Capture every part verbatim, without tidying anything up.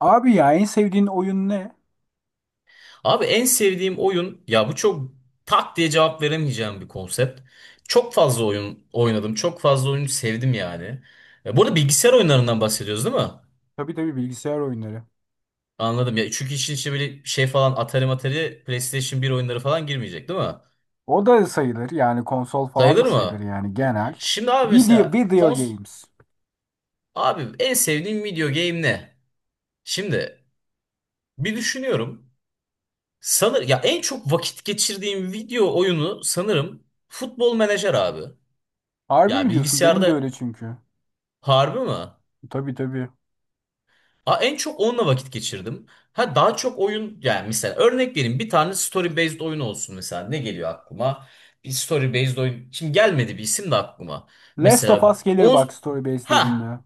Abi ya en sevdiğin oyun ne? Abi en sevdiğim oyun ya bu çok tak diye cevap veremeyeceğim bir konsept. Çok fazla oyun oynadım. Çok fazla oyunu sevdim yani. E, bu arada bilgisayar oyunlarından bahsediyoruz, değil mi? Tabii tabii bilgisayar oyunları. Anladım ya. Çünkü işin içine böyle şey falan Atari Matari PlayStation bir oyunları falan girmeyecek, değil mi? O da sayılır yani konsol falan da Sayılır sayılır mı? yani genel. Şimdi abi, Video, mesela video kons games. abi, en sevdiğim video game ne? Şimdi bir düşünüyorum. Sanır ya en çok vakit geçirdiğim video oyunu sanırım Futbol Menajer abi. Harbi Ya mi diyorsun? Benim de öyle bilgisayarda. çünkü. Harbi mi? Tabii tabii. Aa, en çok onunla vakit geçirdim. Ha, daha çok oyun yani, mesela örnek vereyim, bir tane story based oyun olsun, mesela ne geliyor aklıma? Bir story based oyun. Şimdi gelmedi bir isim de aklıma. Last of Mesela Us gelir bak on story based ha, dediğinde.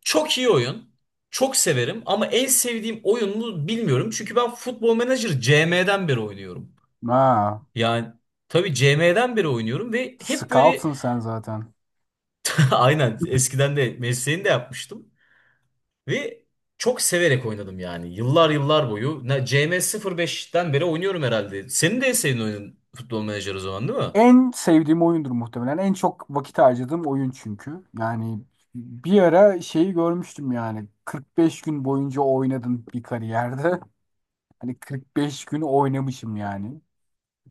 çok iyi oyun. Çok severim ama en sevdiğim oyun mu bilmiyorum. Çünkü ben Football Manager C M'den beri oynuyorum. Ha, Yani tabii C M'den beri oynuyorum ve hep böyle scout'sun sen zaten. aynen, eskiden de mesleğini de yapmıştım. Ve çok severek oynadım yani. Yıllar yıllar boyu. Ne- C M sıfır beşten beri oynuyorum herhalde. Senin de en sevdiğin oyunun futbol menajer o zaman, değil mi? En sevdiğim oyundur muhtemelen. En çok vakit harcadığım oyun çünkü. Yani bir ara şeyi görmüştüm yani. kırk beş gün boyunca oynadım bir kariyerde. Hani kırk beş gün oynamışım yani.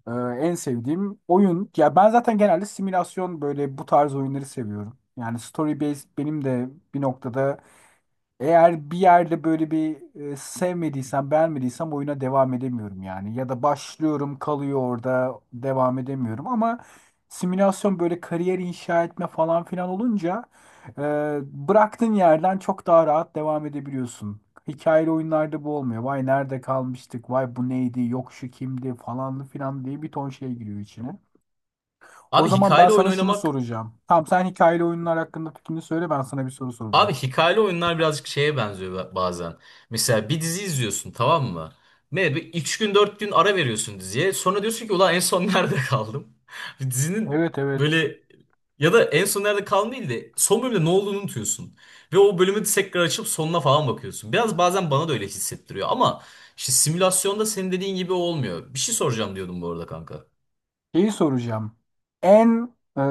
Ee, en sevdiğim oyun. Ya ben zaten genelde simülasyon böyle bu tarz oyunları seviyorum. Yani story based benim de bir noktada eğer bir yerde böyle bir e, sevmediysem, beğenmediysem oyuna devam edemiyorum yani. Ya da başlıyorum, kalıyor orada, devam edemiyorum. Ama simülasyon böyle kariyer inşa etme falan filan olunca e, bıraktığın yerden çok daha rahat devam edebiliyorsun. Hikayeli oyunlarda bu olmuyor. Vay nerede kalmıştık, vay bu neydi, yok şu kimdi Falan filan diye bir ton şey giriyor içine. O Abi zaman ben hikayeli oyun sana şunu oynamak soracağım. Tamam sen hikayeli oyunlar hakkında fikrini söyle ben sana bir soru Abi, soracağım. hikayeli oyunlar birazcık şeye benziyor ba- bazen. Mesela bir dizi izliyorsun, tamam mı? Ne bir üç gün dört gün ara veriyorsun diziye. Sonra diyorsun ki ulan en son nerede kaldım? Bir Dizinin Evet evet. böyle Ya da en son nerede kaldım değil de son bölümde ne olduğunu unutuyorsun. Ve o bölümü tekrar açıp sonuna falan bakıyorsun. Biraz bazen bana da öyle hissettiriyor ama işte simülasyonda senin dediğin gibi olmuyor. Bir şey soracağım diyordum bu arada kanka. Şeyi soracağım. En e,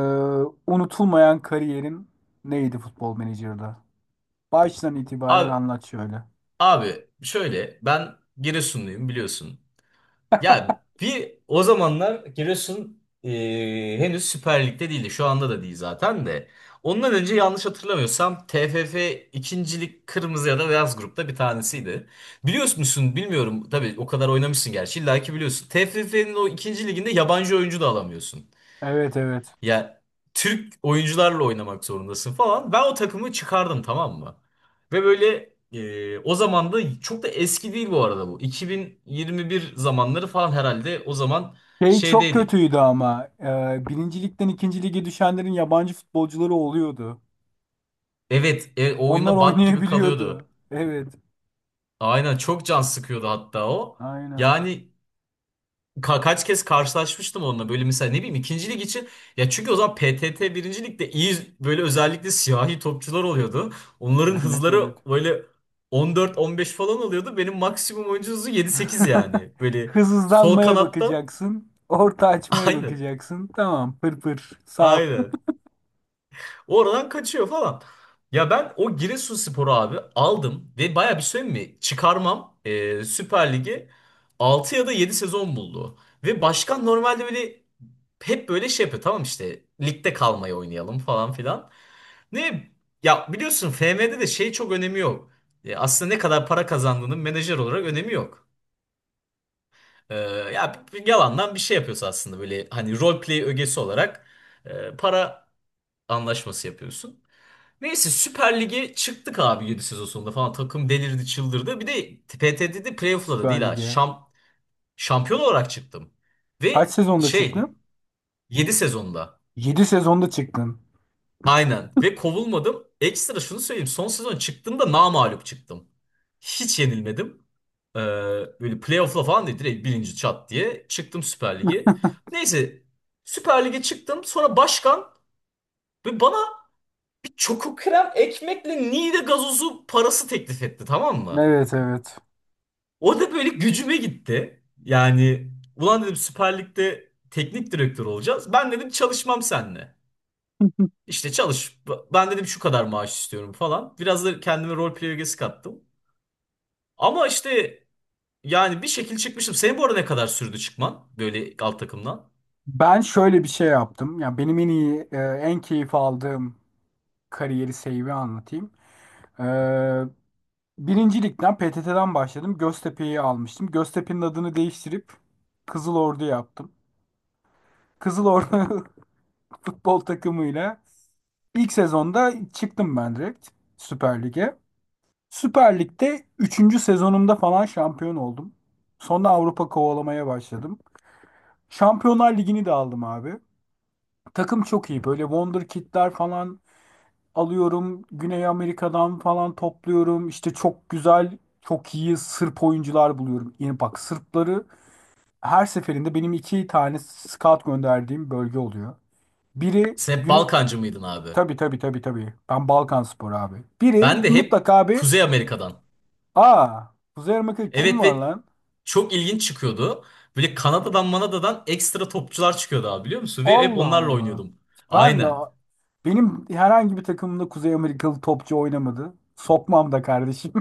unutulmayan kariyerin neydi Futbol Manager'da? Baştan itibaren Abi, anlat şöyle. abi şöyle, ben Giresunluyum biliyorsun. Ya bir o zamanlar Giresun eee, henüz Süper Lig'de değildi. Şu anda da değil zaten de. Ondan önce, yanlış hatırlamıyorsam, T F F ikincilik kırmızı ya da beyaz grupta bir tanesiydi. Biliyor musun bilmiyorum tabii, o kadar oynamışsın gerçi, illa ki biliyorsun. T F F'nin o ikinci liginde yabancı oyuncu da alamıyorsun. Evet evet. Ya Türk oyuncularla oynamak zorundasın falan. Ben o takımı çıkardım, tamam mı? Ve böyle, e, o zaman da çok da eski değil bu arada bu. iki bin yirmi bir zamanları falan herhalde, o zaman Şey çok şeydeydik. kötüydü ama. E, birinci ligden ikinci lige düşenlerin yabancı futbolcuları oluyordu. Evet, e, o Onlar oyunda bug gibi oynayabiliyordu. kalıyordu. Evet. Aynen, çok can sıkıyordu hatta o. Aynen. Yani Ka- kaç kez karşılaşmıştım onunla böyle, mesela ne bileyim, ikinci lig için ya, çünkü o zaman P T T birinci ligde iyi, böyle özellikle siyahi topçular oluyordu. Onların Evet hızları evet. böyle on dört, on beş falan oluyordu. Benim maksimum oyuncu hızı yedi, sekiz yani. Böyle Hız sol hızlanmaya kanatta. bakacaksın. Orta açmaya aynı bakacaksın. Tamam pır pır. Sağ atla. Aynen, oradan kaçıyor falan. Ya ben o Giresunspor'u abi aldım ve baya bir, söyleyeyim mi? Çıkarmam e, Süper Lig'i altı ya da yedi sezon buldu. Ve başkan normalde böyle, hep böyle şey yapıyor, tamam işte ligde kalmayı oynayalım falan filan. Ne ya, biliyorsun F M'de de şey çok önemi yok. E, aslında ne kadar para kazandığının menajer olarak önemi yok. E, Ya bir- bir yalandan bir şey yapıyorsun aslında, böyle hani, role play ögesi olarak e, para anlaşması yapıyorsun. Neyse, Süper Lig'e çıktık abi yedi sezon sonunda falan. Takım delirdi, çıldırdı. Bir de P T T'de playoff'la da değil Süper ha. Lig'e. Şam, şampiyon olarak çıktım. Kaç Ve sezonda şey, çıktın? yedi sezonda. Yedi sezonda çıktın. Aynen. Ve kovulmadım. Ekstra şunu söyleyeyim. Son sezon çıktığımda namağlup çıktım. Hiç yenilmedim. Ee, Böyle playoff'la falan değil. Direkt birinci, çat diye çıktım Süper Lig'e. Neyse, Süper Lig'e çıktım. Sonra başkan ve bana bir çoku krem ekmekle Niğde gazozu parası teklif etti, tamam mı? Evet evet. O da böyle gücüme gitti. Yani ulan dedim, Süper Lig'de teknik direktör olacağız. Ben dedim çalışmam seninle. İşte çalış. Ben dedim şu kadar maaş istiyorum falan. Biraz da kendime rol play ögesi kattım. Ama işte yani bir şekil çıkmıştım. Senin bu arada ne kadar sürdü çıkman böyle alt takımdan? Ben şöyle bir şey yaptım. Ya benim en iyi, e, en keyif aldığım kariyeri save'i anlatayım. Ee, Birinci ligden P T T'den başladım. Göztepe'yi almıştım. Göztepe'nin adını değiştirip Kızıl Ordu yaptım. Kızıl Ordu futbol takımıyla ilk sezonda çıktım ben direkt Süper Lig'e. Süper Lig'de üçüncü sezonumda falan şampiyon oldum. Sonra Avrupa kovalamaya başladım. Şampiyonlar Ligi'ni de aldım abi. Takım çok iyi. Böyle Wonder Kid'ler falan alıyorum. Güney Amerika'dan falan topluyorum. İşte çok güzel, çok iyi Sırp oyuncular buluyorum. Yani bak Sırpları her seferinde benim iki tane scout gönderdiğim bölge oluyor. Biri Sen hep Güney... Balkancı mıydın abi? Tabii tabii tabii tabii. Ben Balkanspor abi. Biri Ben de hep mutlaka bir... Kuzey Amerika'dan. Aa, Kuzey Amerika'da kim Evet, var ve lan? çok ilginç çıkıyordu. Böyle Kanada'dan Manada'dan ekstra topçular çıkıyordu abi, biliyor musun? Ve hep Allah onlarla Allah. oynuyordum. Ben de... Aynen. Benim herhangi bir takımımda Kuzey Amerikalı topçu oynamadı. Sokmam da kardeşim.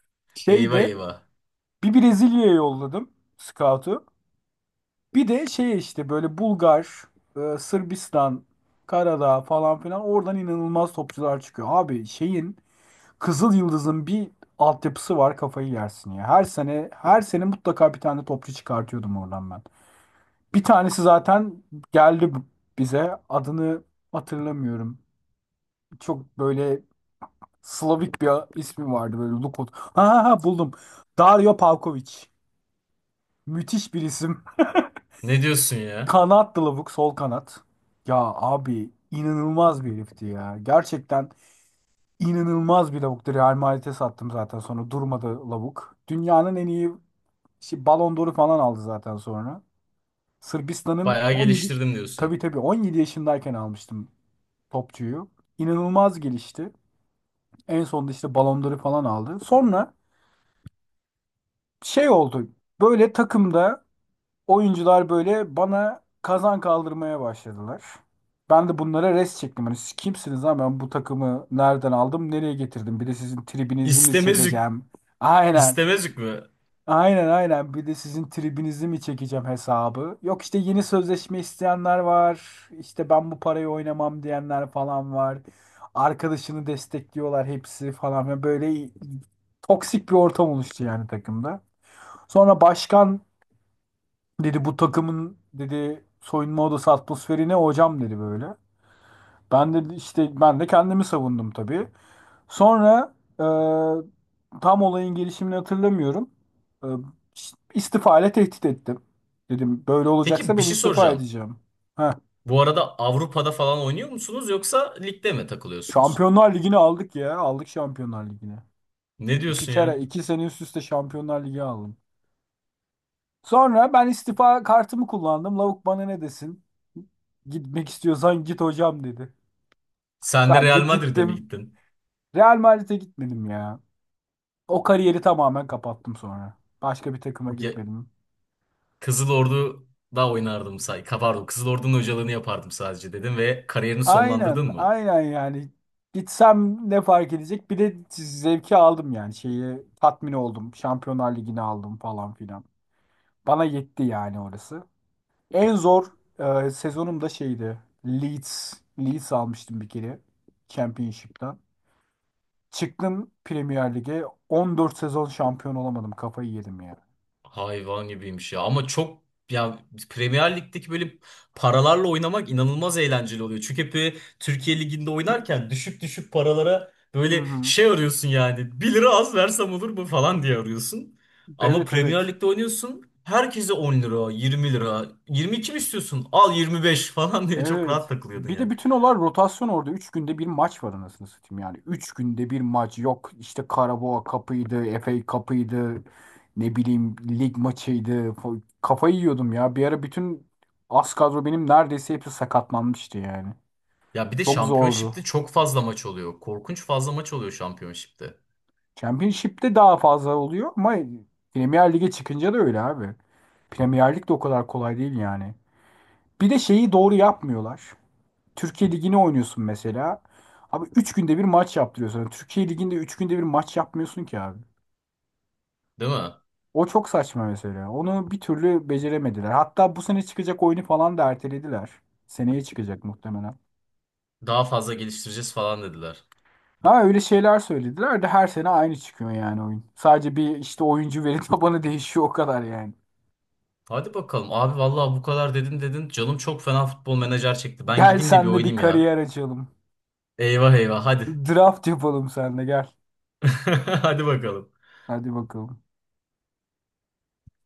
Şey Eyvah de eyvah. Bir Brezilya'ya yolladım scout'u. Bir de şey işte böyle Bulgar, e, Sırbistan, Karadağ falan filan oradan inanılmaz topçular çıkıyor. Abi şeyin Kızıl Yıldız'ın bir altyapısı var kafayı yersin ya. Her sene her sene mutlaka bir tane topçu çıkartıyordum oradan ben. Bir tanesi zaten geldi b- bize. Adını hatırlamıyorum. Çok böyle Slavik bir ismi vardı böyle Lukot. Ha ha ha buldum. Dario Pavkovic. Müthiş bir isim. Ne diyorsun ya? Kanat Lavuk sol kanat. Ya abi inanılmaz bir herifti ya. Gerçekten inanılmaz bir lavuktu. Real Madrid'e sattım zaten sonra durmadı lavuk. Dünyanın en iyi şey, Ballon d'Or'u falan aldı zaten sonra. Sırbistan'ın Bayağı on yedi geliştirdim diyorsun. tabii tabii on yedi yaşındayken almıştım topçuyu. İnanılmaz gelişti. En sonunda işte Ballon d'Or'u falan aldı. Sonra şey oldu. Böyle takımda Oyuncular böyle bana kazan kaldırmaya başladılar. Ben de bunlara res çektim. Hani siz kimsiniz ha ben bu takımı nereden aldım nereye getirdim? Bir de sizin tribinizi mi İstemezük. çekeceğim? Aynen. İstemezük mü? Aynen aynen. Bir de sizin tribinizi mi çekeceğim hesabı? Yok işte yeni sözleşme isteyenler var. İşte ben bu parayı oynamam diyenler falan var. Arkadaşını destekliyorlar hepsi falan. ve Böyle toksik bir ortam oluştu yani takımda. Sonra başkan Dedi bu takımın dedi soyunma odası atmosferi ne hocam dedi böyle. Ben de işte ben de kendimi savundum tabii. Sonra e, tam olayın gelişimini hatırlamıyorum. E, istifa ile tehdit ettim. Dedim böyle Peki, olacaksa bir ben şey istifa soracağım. edeceğim. Heh, Bu arada Avrupa'da falan oynuyor musunuz yoksa ligde mi takılıyorsunuz? Şampiyonlar Ligi'ni aldık ya. Aldık Şampiyonlar Ligi'ni. Ne İki diyorsun ya? kere iki sene üst üste Şampiyonlar Ligi aldım. Sonra ben istifa kartımı kullandım. Lavuk bana ne desin? Gitmek istiyorsan git hocam dedi. Sen de Ben de Real Madrid'e mi gittim. gittin? Real Madrid'e gitmedim ya. O kariyeri tamamen kapattım sonra. Başka bir takıma Ya, gitmedim. Kızıl Ordu'da oynardım say. Pardon, Kızıl Ordu'nun hocalığını yapardım sadece dedim ve kariyerini sonlandırdın Aynen, mı? aynen yani. Gitsem ne fark edecek? Bir de zevki aldım yani. Şeyi tatmin oldum. Şampiyonlar Ligi'ni aldım falan filan. Bana yetti yani orası. En zor e, sezonum da şeydi. Leeds. Leeds almıştım bir kere. Championship'ten. Çıktım Premier Lig'e. on dört sezon şampiyon olamadım. Kafayı yedim ya. Hayvan gibiymiş ya, ama çok ya, Premier Lig'deki böyle paralarla oynamak inanılmaz eğlenceli oluyor. Çünkü hep böyle Türkiye Ligi'nde oynarken düşük düşük paralara Hı böyle hı. şey arıyorsun yani, bir lira az versem olur mu falan diye arıyorsun. Ama Evet Premier evet. Lig'de oynuyorsun, herkese on lira, yirmi lira, yirmi iki mi istiyorsun al yirmi beş falan diye çok rahat Evet. takılıyordun Bir de yani. bütün olay rotasyon orada. Üç günde bir maç var anasını satayım yani. Üç günde bir maç yok. İşte Karabağ kapıydı, F A kapıydı, ne bileyim lig maçıydı. Fa- Kafayı yiyordum ya. Bir ara bütün az kadro benim neredeyse hepsi sakatlanmıştı yani. Ya bir de Çok zordu. Championship'te çok fazla maç oluyor. Korkunç fazla maç oluyor Championship'te. Championship'te daha fazla oluyor ama Premier Lig'e çıkınca da öyle abi. Premier Lig de o kadar kolay değil yani. Bir de şeyi doğru yapmıyorlar. Türkiye Ligi'ne oynuyorsun mesela. Abi üç günde bir maç yaptırıyorsun. Yani Türkiye Ligi'nde üç günde bir maç yapmıyorsun ki abi. Değil mi? O çok saçma mesela. Onu bir türlü beceremediler. Hatta bu sene çıkacak oyunu falan da ertelediler. Seneye çıkacak muhtemelen. Daha fazla geliştireceğiz falan dediler. Ha öyle şeyler söylediler de her sene aynı çıkıyor yani oyun. Sadece bir işte oyuncu veri tabanı değişiyor o kadar yani. Hadi bakalım abi, vallahi bu kadar dedin dedin. Canım çok fena futbol menajer çekti. Ben Gel gideyim de bir senle bir oynayayım ya. kariyer açalım. Eyvah eyvah, hadi. Draft yapalım senle gel. Hadi bakalım. Hadi bakalım.